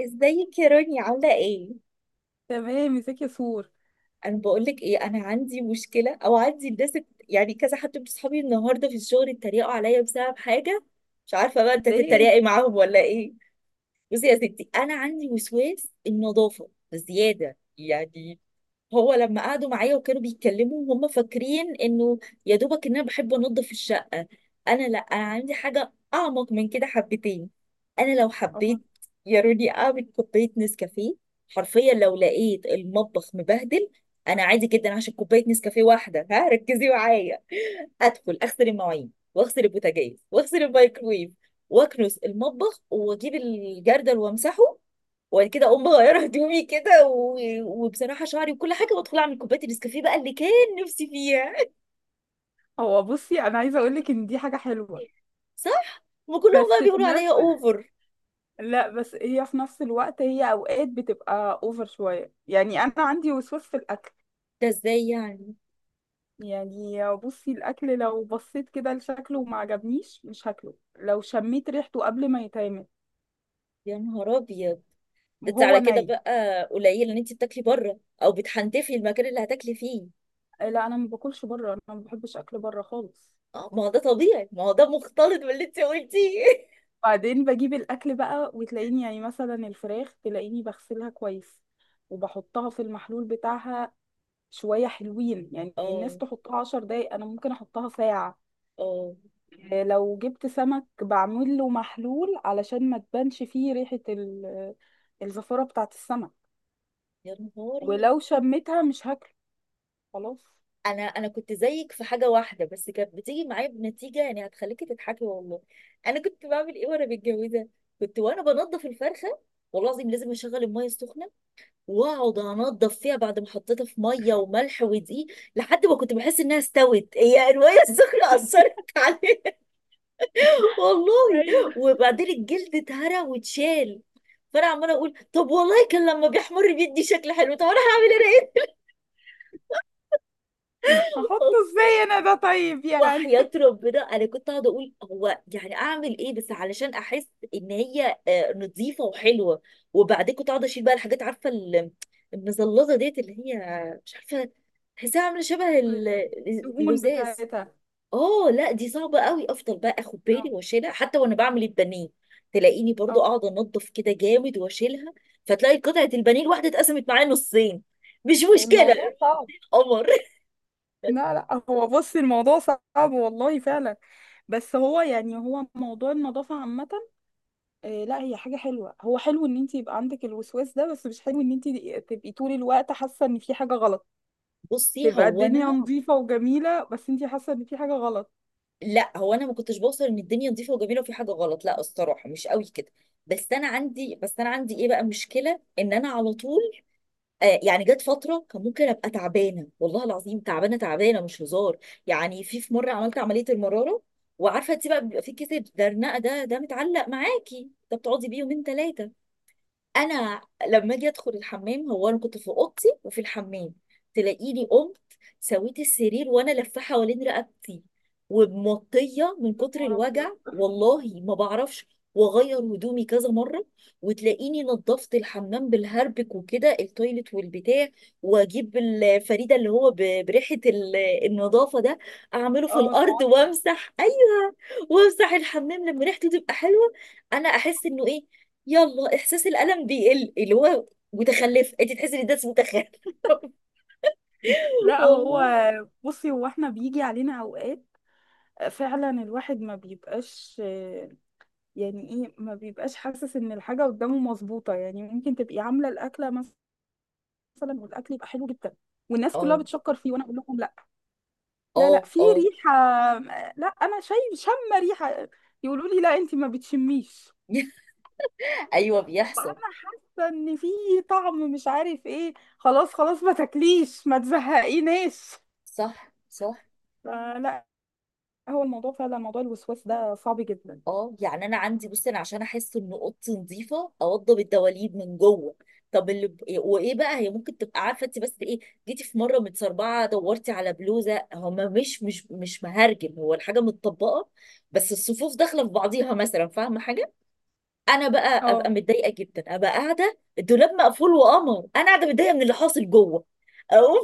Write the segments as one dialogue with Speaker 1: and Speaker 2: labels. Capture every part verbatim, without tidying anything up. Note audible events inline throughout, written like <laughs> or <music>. Speaker 1: ازيك يا راني؟ عامله ايه؟
Speaker 2: تمام مساكي سور.
Speaker 1: انا بقول لك ايه، انا عندي مشكله. او عندي الناس الت- يعني كذا حد من صحابي النهارده في الشغل اتريقوا عليا بسبب حاجه. مش عارفه بقى انت
Speaker 2: ليه؟
Speaker 1: تتريقي معاهم ولا ايه؟ بصي يا ستي، انا عندي وسواس النظافه زياده يعني. هو لما قعدوا معايا وكانوا بيتكلموا هم فاكرين انه يا دوبك ان انا بحب انضف الشقه. انا لا، انا عندي حاجه اعمق من كده حبتين. انا لو
Speaker 2: اه،
Speaker 1: حبيت يا روني اعمل كوبايه نسكافيه، حرفيا لو لقيت المطبخ مبهدل، انا عادي جدا، عشان كوبايه نسكافيه واحده، ها ركزي معايا، ادخل اغسل المواعين واغسل البوتاجاز واغسل الميكرويف واكنس المطبخ واجيب الجردل وامسحه، وبعد كده اقوم مغيره هدومي كده و... وبصراحه شعري وكل حاجه، وادخل اعمل كوبايه النسكافيه بقى اللي كان نفسي فيها.
Speaker 2: هو بصي انا عايزه اقول لك ان دي حاجه حلوه.
Speaker 1: صح، وكلهم بقى
Speaker 2: بس في
Speaker 1: بيقولوا عليا
Speaker 2: نفس
Speaker 1: اوفر.
Speaker 2: لا بس هي في نفس الوقت هي اوقات بتبقى اوفر شويه، يعني انا عندي وسواس في الاكل.
Speaker 1: ده ازاي يعني؟
Speaker 2: يعني بصي الاكل لو بصيت كده لشكله وما عجبنيش مش هاكله، لو شميت ريحته قبل ما يتعمل
Speaker 1: يا نهار ابيض، ده انت
Speaker 2: وهو
Speaker 1: على كده
Speaker 2: ني.
Speaker 1: بقى قليل ان انت بتاكلي بره او بتحنتفي المكان اللي هتاكلي فيه.
Speaker 2: لا انا ما باكلش بره، انا ما بحبش اكل بره خالص.
Speaker 1: اه، ما هو ده طبيعي، ما هو ده مختلط باللي انت قلتيه.
Speaker 2: بعدين بجيب الاكل بقى وتلاقيني يعني مثلا الفراخ تلاقيني بغسلها كويس وبحطها في المحلول بتاعها. شوية حلوين، يعني
Speaker 1: <laughs>
Speaker 2: الناس
Speaker 1: اه.
Speaker 2: تحطها عشر دقايق أنا ممكن أحطها ساعة.
Speaker 1: اه.
Speaker 2: آه، لو جبت سمك بعمل له محلول علشان ما تبانش فيه ريحة ال- الزفارة بتاعة السمك.
Speaker 1: يا نهاري،
Speaker 2: ولو شميتها مش هاكله، خلاص.
Speaker 1: انا انا كنت زيك في حاجه واحده بس، كانت بتيجي معايا بنتيجه يعني، هتخليكي تضحكي والله. انا كنت بعمل ايه وانا متجوزه؟ كنت وانا بنضف الفرخه والله العظيم لازم اشغل الميه السخنه واقعد انضف فيها بعد ما حطيتها في ميه وملح ودقيق، لحد ما كنت بحس انها استوت هي، الميه السخنه اثرت. <laughs> والله.
Speaker 2: ايوه.
Speaker 1: وبعدين الجلد اتهرى واتشال، فانا عماله اقول طب والله كان لما بيحمر بيدي شكل حلو، طب انا هعمل انا ايه؟
Speaker 2: هحطه ازاي انا ده طيب يعني.
Speaker 1: وحياة ربنا انا كنت قاعده اقول هو يعني اعمل ايه بس علشان احس ان هي آه، نظيفه وحلوه. وبعدين كنت قاعده اشيل بقى الحاجات، عارفه ال- المزلظه ديت، اللي هي مش عارفه تحسها عامله شبه ال-
Speaker 2: <laughs> الدهون
Speaker 1: اللزاز.
Speaker 2: بتاعتها.
Speaker 1: اه، لا دي صعبه قوي، افضل بقى اخد بالي
Speaker 2: اه.
Speaker 1: واشيلها حتى وانا بعمل البانيه، تلاقيني برضو
Speaker 2: اه.
Speaker 1: قاعده انضف كده جامد واشيلها، فتلاقي قطعه البانيه الواحده اتقسمت معايا نصين. مش مشكله.
Speaker 2: الموضوع صعب.
Speaker 1: قمر. <laughs>
Speaker 2: لا لا، هو بص الموضوع صعب والله فعلا. بس هو يعني هو موضوع النظافة عامة. آه، لا هي حاجة حلوة، هو حلو ان انت يبقى عندك الوسواس ده، بس مش حلو ان انت تبقي طول الوقت حاسة ان في حاجة غلط.
Speaker 1: بصي
Speaker 2: تبقى
Speaker 1: هو
Speaker 2: الدنيا
Speaker 1: انا،
Speaker 2: نظيفة وجميلة بس انت حاسة ان في حاجة غلط.
Speaker 1: لا هو انا ما كنتش بوصل ان الدنيا نظيفه وجميله وفي حاجه غلط، لا الصراحه مش قوي كده. بس انا عندي بس انا عندي ايه بقى، مشكله ان انا على طول آه يعني. جت فتره كان ممكن ابقى تعبانه، والله العظيم تعبانه تعبانه مش هزار. يعني في في مره عملت عمليه المراره، وعارفه انت بقى بيبقى في كتب درنقه، ده ده متعلق معاكي ده، بتقعدي بيه يومين ثلاثه. انا لما اجي ادخل الحمام، هو انا كنت في اوضتي وفي الحمام، تلاقيني قمت سويت السرير وانا لفه حوالين رقبتي ومطيه من
Speaker 2: يا
Speaker 1: كتر
Speaker 2: نهار أبيض.
Speaker 1: الوجع والله ما بعرفش، واغير هدومي كذا مره، وتلاقيني نظفت الحمام بالهربك وكده، التويلت والبتاع، واجيب الفريده اللي هو ب- بريحه ال- النظافه ده، اعمله في
Speaker 2: اه
Speaker 1: الارض
Speaker 2: نعم.
Speaker 1: وامسح، ايوه، وامسح الحمام لما ريحته تبقى حلوه. انا احس انه ايه، يلا احساس الالم بيقل، اللي هو متخلف، انت تحسي ان ده اسمه متخلف.
Speaker 2: <laughs>
Speaker 1: <laughs>
Speaker 2: لا هو
Speaker 1: والله.
Speaker 2: بصي هو احنا بيجي علينا اوقات فعلا الواحد ما بيبقاش، آه، يعني ايه، ما بيبقاش حاسس ان الحاجة قدامه مظبوطة. يعني ممكن تبقي عاملة الأكلة مثلا والاكل يبقى حلو جدا والناس كلها
Speaker 1: اه.
Speaker 2: بتشكر فيه وانا اقول لهم لا، ده لا
Speaker 1: اه.
Speaker 2: في
Speaker 1: اه.
Speaker 2: ريحة، لا أنا شايف شم ريحة. يقولوا لي لا أنت ما بتشميش.
Speaker 1: <laughs> ايوه
Speaker 2: طب
Speaker 1: بيحصل.
Speaker 2: أنا حاسة إن في طعم مش عارف إيه. خلاص خلاص ما تاكليش ما تزهقيناش.
Speaker 1: صح صح.
Speaker 2: فلا، هو الموضوع فعلا موضوع الوسواس ده صعب جدا.
Speaker 1: اه يعني انا عندي، بصي انا عشان احس ان اوضتي نظيفه اوضب الدواليب من جوه. طب اللي ب... وايه بقى، هي ممكن تبقى عارفه انت بس ايه، جيتي في مره متسربعه دورتي على بلوزه، هما مش مش مش مهرجم، هو الحاجه متطبقه، بس الصفوف داخله في بعضيها مثلا، فاهمه حاجه؟ انا بقى ابقى
Speaker 2: اه.
Speaker 1: متضايقه جدا، ابقى قاعده الدولاب مقفول وقمر، انا قاعده متضايقه من اللي حاصل جوه، اقوم،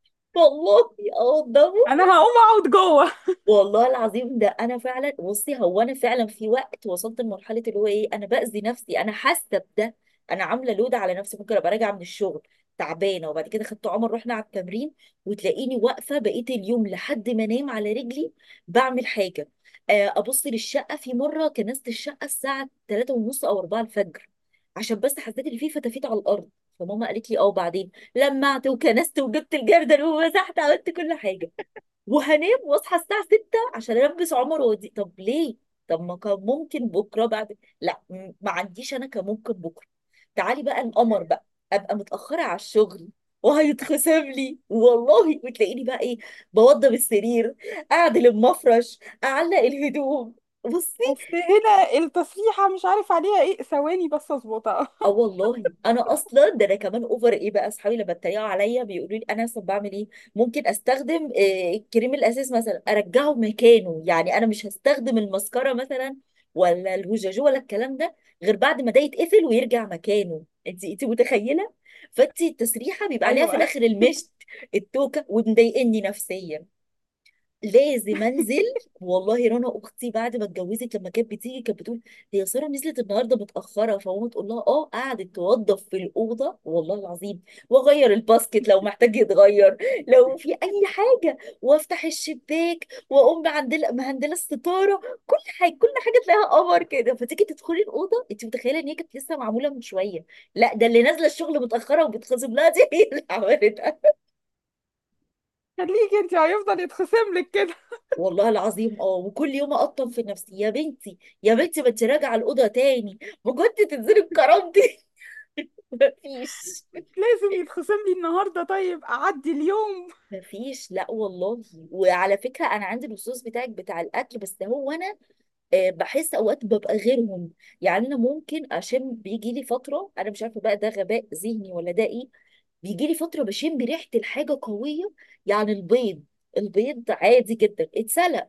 Speaker 1: <laughs> والله اقوم.
Speaker 2: أنا هقوم أقعد جوه.
Speaker 1: والله العظيم ده انا فعلا، بصي هو انا فعلا في وقت وصلت لمرحله اللي هو ايه، انا باذي نفسي، انا حاسه بده، انا عامله لود على نفسي. ممكن ابقى راجعه من الشغل تعبانه، وبعد كده خدت عمر رحنا على التمرين، وتلاقيني واقفه بقيت اليوم لحد ما انام على رجلي بعمل حاجه. آه، ابص للشقه، في مره كنست الشقه الساعه تلاته ونص او اربعه الفجر، عشان بس حسيت ان في فتافيت على الارض، فماما قالت لي اه وبعدين لمعت وكنست وجبت الجردل ومسحت، عملت كل حاجه، وهنام واصحى الساعة سته عشان البس عمر ودي، طب ليه؟ طب ما كان ممكن بكرة بعد، لا م- ما عنديش انا، كان ممكن بكرة. تعالي بقى القمر بقى، ابقى متأخرة على الشغل وهيتخصم لي والله، وتلاقيني بقى ايه، بوضب السرير، اعدل المفرش، اعلق الهدوم. بصي،
Speaker 2: بس هنا التسريحة مش عارف عليها إيه، ثواني بس أظبطها.
Speaker 1: اه والله انا اصلا، ده انا كمان اوفر ايه بقى، اصحابي لما اتريقوا عليا بيقولوا لي انا اصلا بعمل ايه، ممكن استخدم آه، الكريم الاساس مثلا ارجعه مكانه، يعني انا مش هستخدم المسكره مثلا ولا الهجاجو ولا الكلام ده غير بعد ما ده يتقفل ويرجع مكانه. انت انت متخيله، فانت التسريحه
Speaker 2: <laughs>
Speaker 1: بيبقى عليها في
Speaker 2: أيوه.
Speaker 1: الاخر المشت، التوكه، ومضايقني نفسيا، لازم انزل. والله رنا اختي بعد ما اتجوزت لما كانت بتيجي كانت بتقول، هي ساره نزلت النهارده متاخره، فماما تقول لها اه قعدت توضب في الاوضه، والله العظيم واغير الباسكت لو محتاج يتغير، لو في اي حاجه، وافتح الشباك واقوم معندله مهندله الستاره، كل حاجه، كل حاجه تلاقيها قمر كده، فتيجي تدخلي الاوضه انت متخيله ان هي كانت لسه معموله من شويه، لا ده اللي نازله الشغل متاخره وبتخصم لها دي <laughs> هي اللي عملت.
Speaker 2: خليكي أنت هيفضل يتخصم لك كده.
Speaker 1: والله العظيم اه، وكل يوم اقطم في نفسي، يا بنتي يا بنتي ما انت راجعه الاوضه تاني بجد، تنزلي بكرامتي؟ <laughs> مفيش.
Speaker 2: لازم يتخصم لي النهاردة، طيب أعدي اليوم.
Speaker 1: مفيش لا والله. وعلى فكره انا عندي الوصوص بتاعك بتاع الاكل، بس هو انا آه، بحس اوقات ببقى غيرهم. يعني انا ممكن اشم، بيجي لي فتره انا مش عارفه بقى ده غباء ذهني ولا ده ايه، بيجي لي فتره بشم ريحه الحاجه قويه، يعني البيض، البيض عادي جدا اتسلق،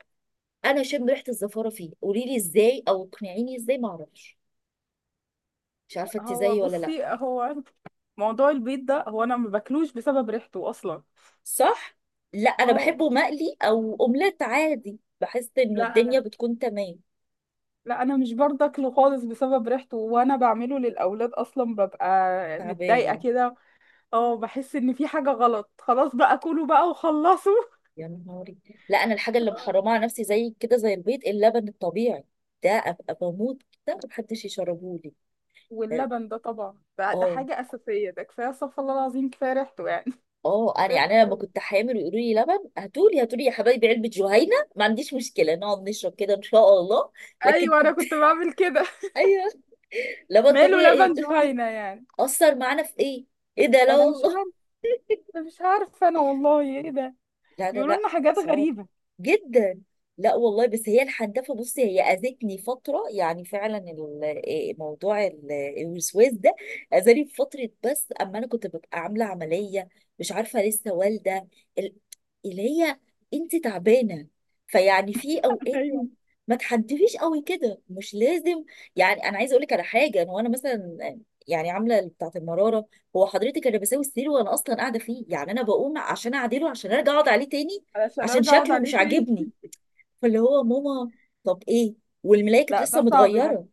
Speaker 1: انا شم ريحه الزفاره فيه، قولي لي ازاي او اقنعيني ازاي، ما اعرفش مش عارفة انت
Speaker 2: هو
Speaker 1: زيي ولا لا.
Speaker 2: بصي هو موضوع البيض ده هو انا ما باكلوش بسبب ريحته اصلا.
Speaker 1: صح. لا انا
Speaker 2: اه.
Speaker 1: بحبه مقلي او اومليت عادي، بحس انه
Speaker 2: لا
Speaker 1: الدنيا
Speaker 2: انا
Speaker 1: بتكون تمام.
Speaker 2: لا انا مش برضه اكله خالص بسبب ريحته، وانا بعمله للاولاد اصلا ببقى متضايقه
Speaker 1: تعبانه.
Speaker 2: كده. اه بحس ان في حاجه غلط، خلاص بقى كلوا بقى وخلصوا.
Speaker 1: يا نهاري. لا انا الحاجه اللي محرمه
Speaker 2: <laughs>
Speaker 1: على نفسي زي كده زي البيض، اللبن الطبيعي ده، ابقى بموت كده، محدش يشربه لي.
Speaker 2: واللبن ده طبعا ده, ده
Speaker 1: اه.
Speaker 2: حاجه اساسيه، ده كفايه استغفر الله العظيم كفايه ريحته يعني.
Speaker 1: اه
Speaker 2: <laughs>
Speaker 1: انا يعني، انا لما
Speaker 2: ريحته.
Speaker 1: كنت حامل ويقولوا لي لبن، هاتولي هاتولي يا حبايبي علبه جهينه ما عنديش مشكله نقعد نشرب كده ان شاء الله. لكن
Speaker 2: ايوه انا كنت
Speaker 1: <laughs>
Speaker 2: بعمل كده.
Speaker 1: ايوه. لبن
Speaker 2: ماله
Speaker 1: طبيعي
Speaker 2: لبن
Speaker 1: ايه
Speaker 2: جهينه يعني.
Speaker 1: اثر معانا في ايه، ايه ده؟ لا
Speaker 2: انا مش
Speaker 1: والله.
Speaker 2: عارفه، مش عارفه انا والله ايه ده.
Speaker 1: لا لا
Speaker 2: بيقولوا
Speaker 1: لا.
Speaker 2: لنا حاجات
Speaker 1: صعب
Speaker 2: غريبه.
Speaker 1: جدا. لا والله، بس هي الحنتفه، بصي هي اذتني فتره يعني فعلا ال- إيه موضوع ال- آه، الوسواس ده اذاني في فتره، بس اما انا كنت ببقى عامله عمليه، مش عارفه لسه والده ال- اللي هي انت تعبانه، فيعني في اوقات
Speaker 2: ايوه.
Speaker 1: ما تحنتفيش قوي كده، مش لازم. يعني انا عايزه اقول لك على حاجه، انا وانا مثلا آه، يعني عامله بتاعه المراره، هو حضرتك انا بساوي السرير وانا اصلا قاعده فيه، يعني انا بقوم عشان اعدله عشان ارجع اقعد عليه تاني،
Speaker 2: علشان
Speaker 1: عشان
Speaker 2: ارجع اقعد
Speaker 1: شكله مش
Speaker 2: عليه تاني.
Speaker 1: عاجبني. فاللي هو ماما طب ايه، والملايه كانت
Speaker 2: لا
Speaker 1: لسه
Speaker 2: ده صعب ده.
Speaker 1: متغيره.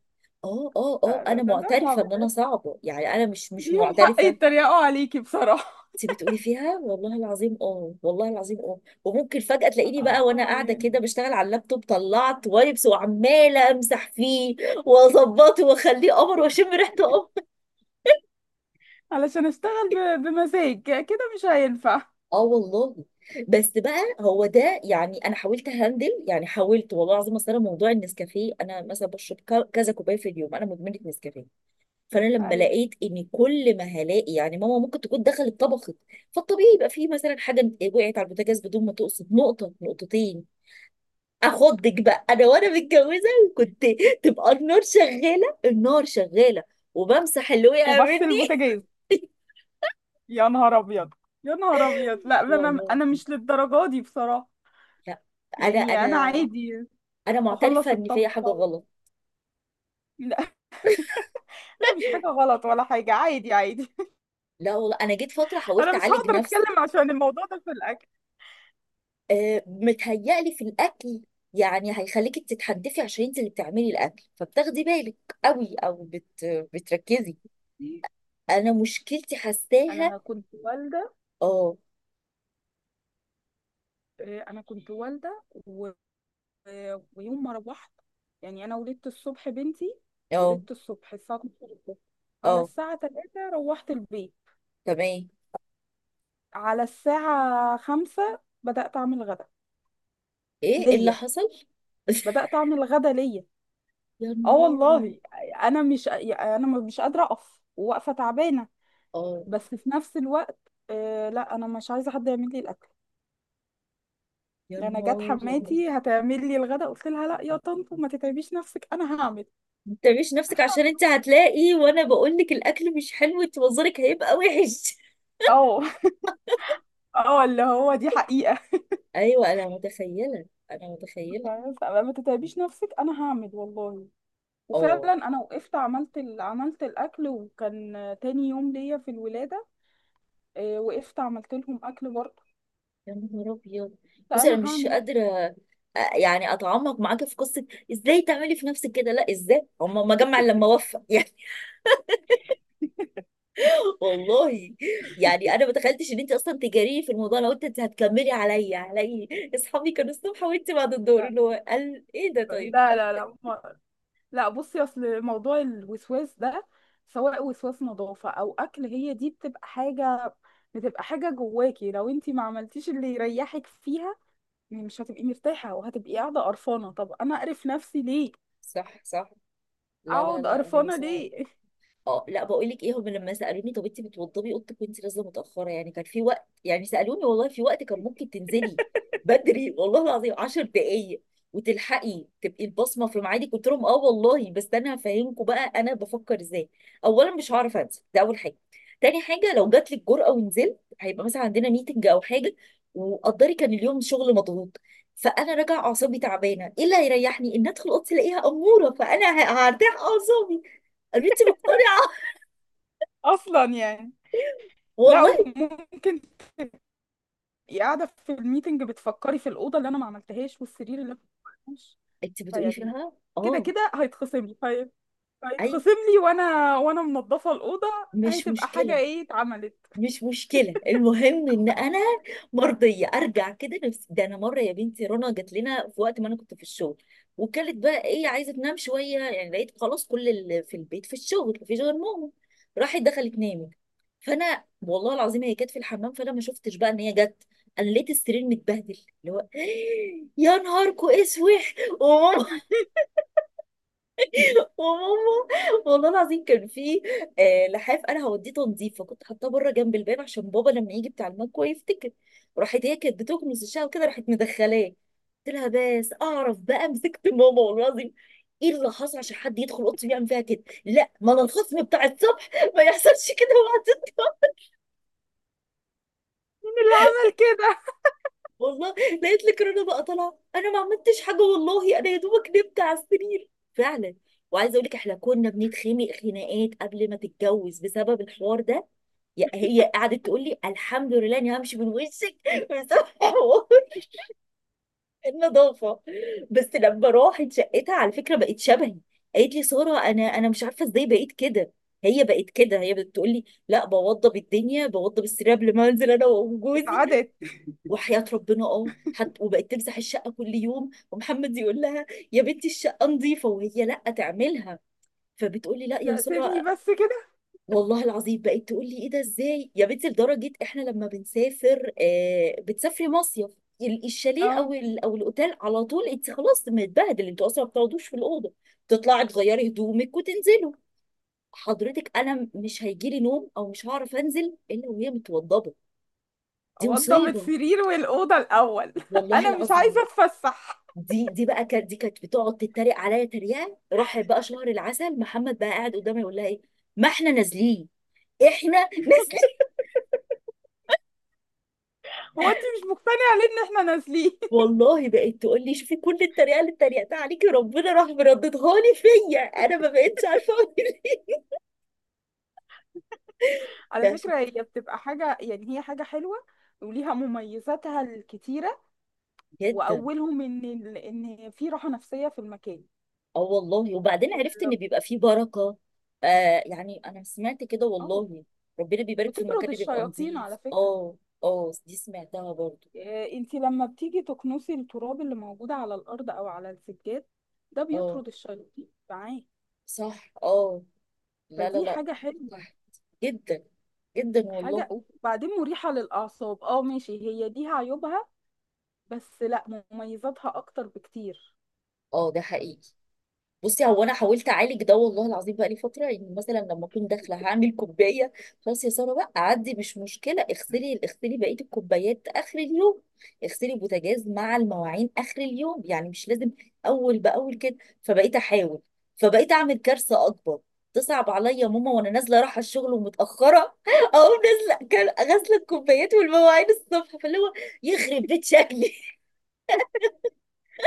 Speaker 1: اه اه اه،
Speaker 2: لا ده
Speaker 1: انا
Speaker 2: ده, ده صعب
Speaker 1: معترفه ان انا
Speaker 2: ده.
Speaker 1: صعبه، يعني انا مش مش
Speaker 2: ليهم حق
Speaker 1: معترفه.
Speaker 2: يتريقوا عليكي بصراحة.
Speaker 1: انت بتقولي فيها، والله العظيم اه، والله العظيم اه، وممكن فجاه تلاقيني بقى وانا
Speaker 2: اه
Speaker 1: قاعده كده
Speaker 2: يعني.
Speaker 1: بشتغل على اللابتوب طلعت وايبس، وعماله امسح فيه واظبطه واخليه قمر واشم ريحته قمر.
Speaker 2: علشان اشتغل ب... بمزاج كده مش هينفع.
Speaker 1: اه والله. بس بقى، هو ده يعني انا حاولت هندل، يعني حاولت والله العظيم، اصل انا موضوع النسكافيه انا مثلا بشرب ك- كذا كوبايه في اليوم، انا مدمنه نسكافيه، فانا لما
Speaker 2: ايوه.
Speaker 1: لقيت ان كل ما هلاقي يعني ماما ممكن تكون دخلت طبخت، فالطبيعي يبقى فيه مثلا حاجه وقعت على البوتاجاز بدون ما تقصد، نقطه نقطتين، اخضك بقى انا وانا متجوزه وكنت، تبقى النار شغاله، النار شغاله، وبمسح اللي وقع
Speaker 2: وبغسل
Speaker 1: مني.
Speaker 2: البوتاجاز. يا نهار ابيض. يا نهار ابيض. لا
Speaker 1: <laughs>
Speaker 2: ده انا
Speaker 1: والله.
Speaker 2: انا مش للدرجة دي بصراحة.
Speaker 1: لا انا
Speaker 2: يعني
Speaker 1: انا
Speaker 2: انا عادي.
Speaker 1: انا معترفه
Speaker 2: اخلص
Speaker 1: ان فيا حاجه
Speaker 2: الطبخة.
Speaker 1: غلط.
Speaker 2: لا. <laughs> لا مش حاجة غلط ولا حاجة، عادي عادي.
Speaker 1: لا والله، انا جيت فتره
Speaker 2: <laughs>
Speaker 1: حاولت
Speaker 2: انا مش
Speaker 1: اعالج
Speaker 2: هقدر
Speaker 1: نفسي.
Speaker 2: اتكلم عشان الموضوع ده في الاكل.
Speaker 1: أه متهيألي في الاكل، يعني هيخليكي تتحدفي عشان انت اللي بتعملي الاكل، فبتاخدي بالك قوي او بت بتركزي، انا مشكلتي حساها.
Speaker 2: انا كنت والدة.
Speaker 1: اه.
Speaker 2: إيه، انا كنت والدة. آه، ويوم ما روحت، يعني انا ولدت الصبح بنتي.
Speaker 1: اه.
Speaker 2: ولدت الصبح الساعه اتناشر الصبح، على
Speaker 1: اه.
Speaker 2: الساعه ثلاثة روحت البيت.
Speaker 1: تمام.
Speaker 2: على الساعه خمسة بدات اعمل غدا
Speaker 1: ايه اللي
Speaker 2: ليا.
Speaker 1: حصل؟ <laughs>
Speaker 2: بدات اعمل غدا ليا
Speaker 1: يا
Speaker 2: اه
Speaker 1: نهاري.
Speaker 2: والله. انا مش انا مش قادره اقف، واقفه تعبانه.
Speaker 1: اه.
Speaker 2: بس في نفس الوقت، آه لا انا مش عايزه حد يعمل لي الاكل.
Speaker 1: يا
Speaker 2: انا جت
Speaker 1: نهاري.
Speaker 2: حماتي هتعمل لي الغدا قلت لها لا يا طنط ما تتعبيش نفسك انا هعمل.
Speaker 1: ما تعمليش نفسك، عشان انت هتلاقي وانا بقول لك الاكل مش حلو انت، منظرك هيبقى وحش.
Speaker 2: اه. <laughs> اه اللي هو دي حقيقة.
Speaker 1: <laughs> ايوه انا متخيله، انا متخيله.
Speaker 2: فاهمة؟ فما تتعبيش نفسك انا هعمل والله.
Speaker 1: اه.
Speaker 2: وفعلا انا وقفت عملت ال... عملت الاكل وكان تاني يوم ليا في الولاده. آه، وقفت عملت لهم اكل برضه.
Speaker 1: يا نهار ابيض،
Speaker 2: لا
Speaker 1: بصي انا
Speaker 2: انا
Speaker 1: مش
Speaker 2: هعمل أكل.
Speaker 1: قادره آه، يعني اتعمق معاكي في قصه، ازاي تعملي في نفسك كده؟ لا ازاي، هم ما جمع إلا لما وفى <laughs> يعني والله. يعني انا ما تخيلتش ان انت اصلا تجاريه في الموضوع، لو انت هتكملي عليا علي، اصحابي كانوا الصبح وانت بعد الظهر،
Speaker 2: لا
Speaker 1: اللي هو قال ايه ده طيب.
Speaker 2: لا لا لا ما- لا بصي اصل موضوع الوسواس ده، سواء وسواس نظافه او اكل، هي دي بتبقى حاجه، بتبقى حاجه جواكي لو انتي ما عملتيش اللي يريحك فيها. يعني مش هتبقي مرتاحه وهتبقي قاعده قرفانه، طب انا اقرف نفسي ليه؟
Speaker 1: صح صح. لا لا
Speaker 2: اقعد
Speaker 1: لا، هي
Speaker 2: قرفانه
Speaker 1: صعبه.
Speaker 2: ليه؟
Speaker 1: اه، لا بقول لك ايه، هم لما سالوني طب انت بتوضبي اوضتك وانت نازله متاخره، يعني كان في وقت يعني سالوني والله، في وقت كان ممكن تنزلي بدري والله العظيم عشر دقائق، وتلحقي تبقي البصمه في ميعادك. قلت لهم اه والله، بس انا هفهمكم بقى انا بفكر ازاي. اولا مش هعرف انزل، ده اول حاجه. تاني حاجه لو جات لك جرأه ونزلت، هيبقى مثلا عندنا ميتنج او حاجه، وقدري كان اليوم شغل مضغوط، فانا راجع اعصابي تعبانه، ايه اللي هيريحني، ان ادخل اوضتي الاقيها اموره فانا ه- هرتاح اعصابي. قالوا لي انت مقتنعه
Speaker 2: <laughs> اصلا يعني. لا،
Speaker 1: والله؟
Speaker 2: وممكن تبقي قاعده في الميتنج بتفكري في الاوضه اللي انا ما عملتهاش، والسرير اللي انا ما عملتهاش.
Speaker 1: انت بتقولي
Speaker 2: فيعني
Speaker 1: فيها.
Speaker 2: كده
Speaker 1: اه.
Speaker 2: كده هيتخصم لي في-
Speaker 1: اي،
Speaker 2: هيتخصم لي، وانا وانا منظفه الاوضه.
Speaker 1: مش
Speaker 2: هتبقى حاجه
Speaker 1: مشكله،
Speaker 2: ايه اتعملت.
Speaker 1: مش مشكله، المهم ان انا مرضيه، ارجع كده نفسي. ده انا مره يا بنتي رنا جات لنا في وقت ما انا كنت في الشغل، وكانت بقى ايه عايزه تنام شويه يعني، لقيت خلاص كل اللي في البيت في الشغل مفيش غير ماما، راحت دخلت نامت. فانا والله العظيم هي كانت في الحمام فانا ما شفتش بقى ان هي جت، انا لقيت السرير متبهدل، اللي هو <gasps> يا نهاركو اسود. وماما، وماما، والله العظيم كان في آه، لحاف انا هوديه تنظيف، فكنت حاطاه بره جنب الباب عشان بابا لما يجي بتاع المكوى يفتكر. راحت هي كانت بتكنس الشقه وكده، راحت مدخلاه. قلت لها بس اعرف بقى، مسكت ماما والله العظيم. ايه اللي حصل عشان حد يدخل اوضتي ويعمل فيها كده؟ لا ما انا الخصم بتاع الصبح، ما يحصلش كده وقت.
Speaker 2: مين اللي عمل كده؟
Speaker 1: والله لقيت لك رنا بقى طالعه، انا ما عملتش حاجه والله، انا يا دوبك نمت على السرير فعلا. وعايزه اقول لك احنا كنا بنتخانق خناقات قبل ما تتجوز بسبب الحوار ده. يا- هي قعدت تقول لي الحمد لله اني همشي من وشك. <laughs> بسبب حوار النظافه. بس لما راحت شقتها على فكره بقت شبهي. قالت لي ساره، انا انا مش عارفه ازاي بقيت كده. هي بقت كده، هي بتقول لي لا، بوضب الدنيا، بوضب السرير قبل ما انزل انا وجوزي.
Speaker 2: اتعادت.
Speaker 1: وحياة ربنا اه، حتى وبقت تمسح الشقة كل يوم، ومحمد يقول لها يا بنتي الشقة نظيفة، وهي لا تعملها. فبتقولي لا يا
Speaker 2: لا سيبني
Speaker 1: سارة.
Speaker 2: بس كده.
Speaker 1: والله العظيم بقت تقول لي ايه ده؟ ازاي يا بنتي؟ لدرجة احنا لما بنسافر آه بتسافري مصيف، ال- الشاليه
Speaker 2: اه.
Speaker 1: او ال- او الاوتيل، على طول انت خلاص متبهدل، انتوا اصلا ما بتقعدوش في الاوضه، تطلعي تغيري هدومك وتنزلوا. حضرتك انا مش هيجيلي نوم او مش هعرف انزل الا وهي متوضبه. دي
Speaker 2: اوضب
Speaker 1: مصيبه.
Speaker 2: السرير والاوضه الاول. <laughs>
Speaker 1: والله
Speaker 2: انا مش
Speaker 1: العظيم
Speaker 2: عايزه اتفسح.
Speaker 1: دي دي بقى كانت، دي كانت بتقعد تتريق عليا تريقه راح بقى شهر العسل، محمد بقى قاعد قدامي يقول لها ايه، ما احنا نازلين، احنا نازلين.
Speaker 2: هو انت مش مقتنعه ليه ان احنا نازلين؟ <laughs>
Speaker 1: والله بقت تقول لي شوفي كل التريقه اللي اتريقتها عليكي ربنا راح مرددها لي فيا، انا ما بقتش عارفه اقول ايه. <laughs>
Speaker 2: على
Speaker 1: ده
Speaker 2: فكره
Speaker 1: شخص
Speaker 2: هي بتبقى حاجه، يعني هي حاجه حلوه، وليها مميزاتها الكتيرة،
Speaker 1: جدا.
Speaker 2: واولهم ان ال- ان في راحه نفسيه في المكان.
Speaker 1: اه والله، وبعدين عرفت ان بيبقى فيه بركه. آه يعني انا سمعت كده
Speaker 2: اه.
Speaker 1: والله، ربنا بيبارك في المكان
Speaker 2: بتطرد
Speaker 1: اللي بيبقى
Speaker 2: الشياطين على
Speaker 1: نظيف.
Speaker 2: فكره.
Speaker 1: اه. اه دي سمعتها برضو.
Speaker 2: آه، انت لما بتيجي تكنسي التراب اللي موجود على الارض او على السجاد، ده
Speaker 1: اه
Speaker 2: بيطرد الشياطين معاه.
Speaker 1: صح. اه لا لا
Speaker 2: فدي
Speaker 1: لا،
Speaker 2: حاجه حلوه.
Speaker 1: ارتحت جدا، جدا
Speaker 2: حاجه
Speaker 1: والله.
Speaker 2: وبعدين مريحه للاعصاب. اه ماشي، هي دي عيوبها، بس لا مميزاتها اكتر بكتير.
Speaker 1: اه ده حقيقي. بصي هو انا حاولت اعالج ده والله العظيم بقى لي فتره، يعني مثلا لما اكون داخله هعمل كوبايه، خلاص يا ساره بقى عدي مش مشكله، اغسلي اغسلي بقيه الكوبايات اخر اليوم، اغسلي البوتاجاز مع المواعين اخر اليوم، يعني مش لازم اول باول كده. فبقيت احاول، فبقيت اعمل كارثه اكبر، تصعب عليا ماما وانا نازله رايحه الشغل ومتاخره. <laughs> اقوم نازله كان- غاسله الكوبايات والمواعين الصبح، فاللي هو يخرب بيت شكلي.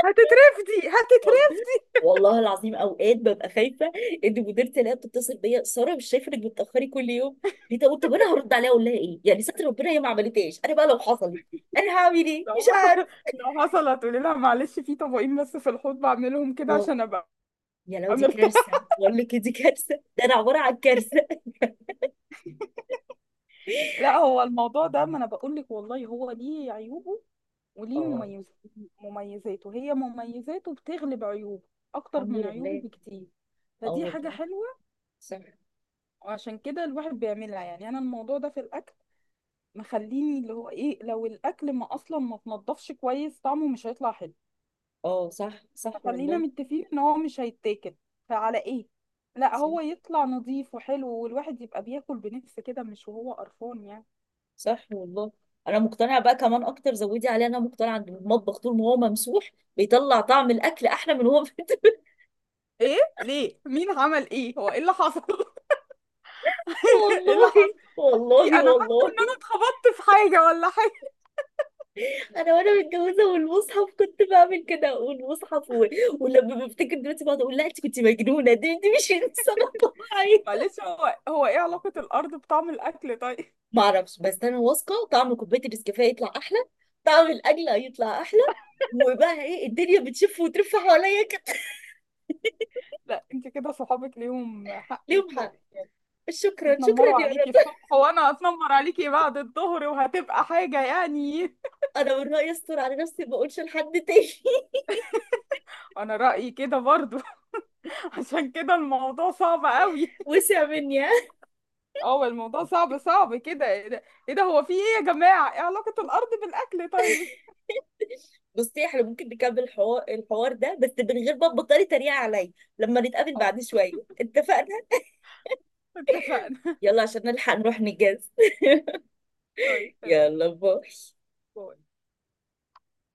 Speaker 2: هتترفدي هتترفدي
Speaker 1: والله، والله العظيم اوقات ببقى خايفه ان مديرتي الاقيها بتتصل بيا، ساره مش شايفه انك بتاخري كل يوم ليه؟ طب طب انا هرد عليها اقول لها ايه؟ يعني ستر ربنا هي ما عملتهاش، انا بقى لو حصلت انا هعمل ايه؟ مش
Speaker 2: لو حصل-
Speaker 1: عارف.
Speaker 2: <laughs> لو حصلت تقولي لها معلش في طبقين بس في الحوض بعملهم كده
Speaker 1: والله
Speaker 2: عشان ابقى
Speaker 1: يا لو دي
Speaker 2: عملت.
Speaker 1: كارثه، بقول لك إيه، دي كارثه، ده انا عباره عن كارثه.
Speaker 2: لا هو الموضوع ده ما انا بقول لك والله هو ليه عيوبه وليه
Speaker 1: اه
Speaker 2: مميز. مميزاته، هي مميزاته بتغلب عيوبه اكتر
Speaker 1: الحمد
Speaker 2: من عيوبه
Speaker 1: لله.
Speaker 2: بكتير.
Speaker 1: اه
Speaker 2: فدي حاجة
Speaker 1: والله،
Speaker 2: حلوة.
Speaker 1: صح.
Speaker 2: وعشان كده الواحد بيعملها. يعني انا الموضوع ده في الاكل مخليني اللي هو ايه، لو الاكل ما اصلا ما تنضفش كويس طعمه مش هيطلع حلو.
Speaker 1: اه صح صح
Speaker 2: فخلينا
Speaker 1: والله،
Speaker 2: متفقين ان هو مش هيتاكل، فعلى ايه؟ لا
Speaker 1: صح،
Speaker 2: هو يطلع نظيف وحلو والواحد يبقى بياكل بنفس كده، مش وهو قرفان يعني.
Speaker 1: صح والله. انا مقتنعه بقى كمان اكتر، زودي عليها، انا مقتنعه ان المطبخ طول ما هو ممسوح بيطلع طعم الاكل احلى من هو. <laughs>
Speaker 2: ايه ليه؟ مين عمل ايه؟ هو ايه اللي حصل؟ <laughs> ايه اللي
Speaker 1: والله
Speaker 2: حصل؟ في،
Speaker 1: والله
Speaker 2: انا حاسه
Speaker 1: والله،
Speaker 2: ان انا اتخبطت في حاجه ولا حاجه؟
Speaker 1: انا وانا متجوزه والمصحف كنت بعمل كده، والمصحف و... ولما بفتكر دلوقتي بقعد اقول لا انت كنت مجنونه، دي دي مش انسانه طبيعيه.
Speaker 2: معلش هو هو ايه علاقه الارض بطعم الاكل طيب؟
Speaker 1: ما اعرفش، بس انا واثقه طعم كوبايه النسكافيه يطلع احلى، طعم الاكل يطلع احلى، وبقى ايه الدنيا بتشف وترف حواليا كده.
Speaker 2: <laughs> لا انت كده صحابك ليهم حق يت-
Speaker 1: ليهم حق. شكرا شكرا
Speaker 2: يتنمروا
Speaker 1: يا
Speaker 2: عليكي
Speaker 1: رب.
Speaker 2: الصبح وانا اتنمر عليكي بعد الظهر، وهتبقى حاجه يعني.
Speaker 1: انا من رايي استر على نفسي ما اقولش لحد تاني. <laughs>
Speaker 2: <laughs> انا رايي كده برضو. <laughs> عشان كده الموضوع صعب قوي. <laughs>
Speaker 1: وسع مني.
Speaker 2: اه الموضوع صعب، صعب كده ايه ده. إيه ده، هو في ايه يا جماعه؟ ايه علاقه الارض بالاكل طيب؟
Speaker 1: بصي احنا ممكن نكمل الحوار الحوار ده بس من غير ما تبطلي تريقة عليا. لما نتقابل
Speaker 2: اه.
Speaker 1: بعد شوية، اتفقنا؟
Speaker 2: اتفقنا.
Speaker 1: يلا عشان نلحق نروح نجهز.
Speaker 2: <laughs> طيب
Speaker 1: <laughs>
Speaker 2: تمام.
Speaker 1: يلا باي.
Speaker 2: باي.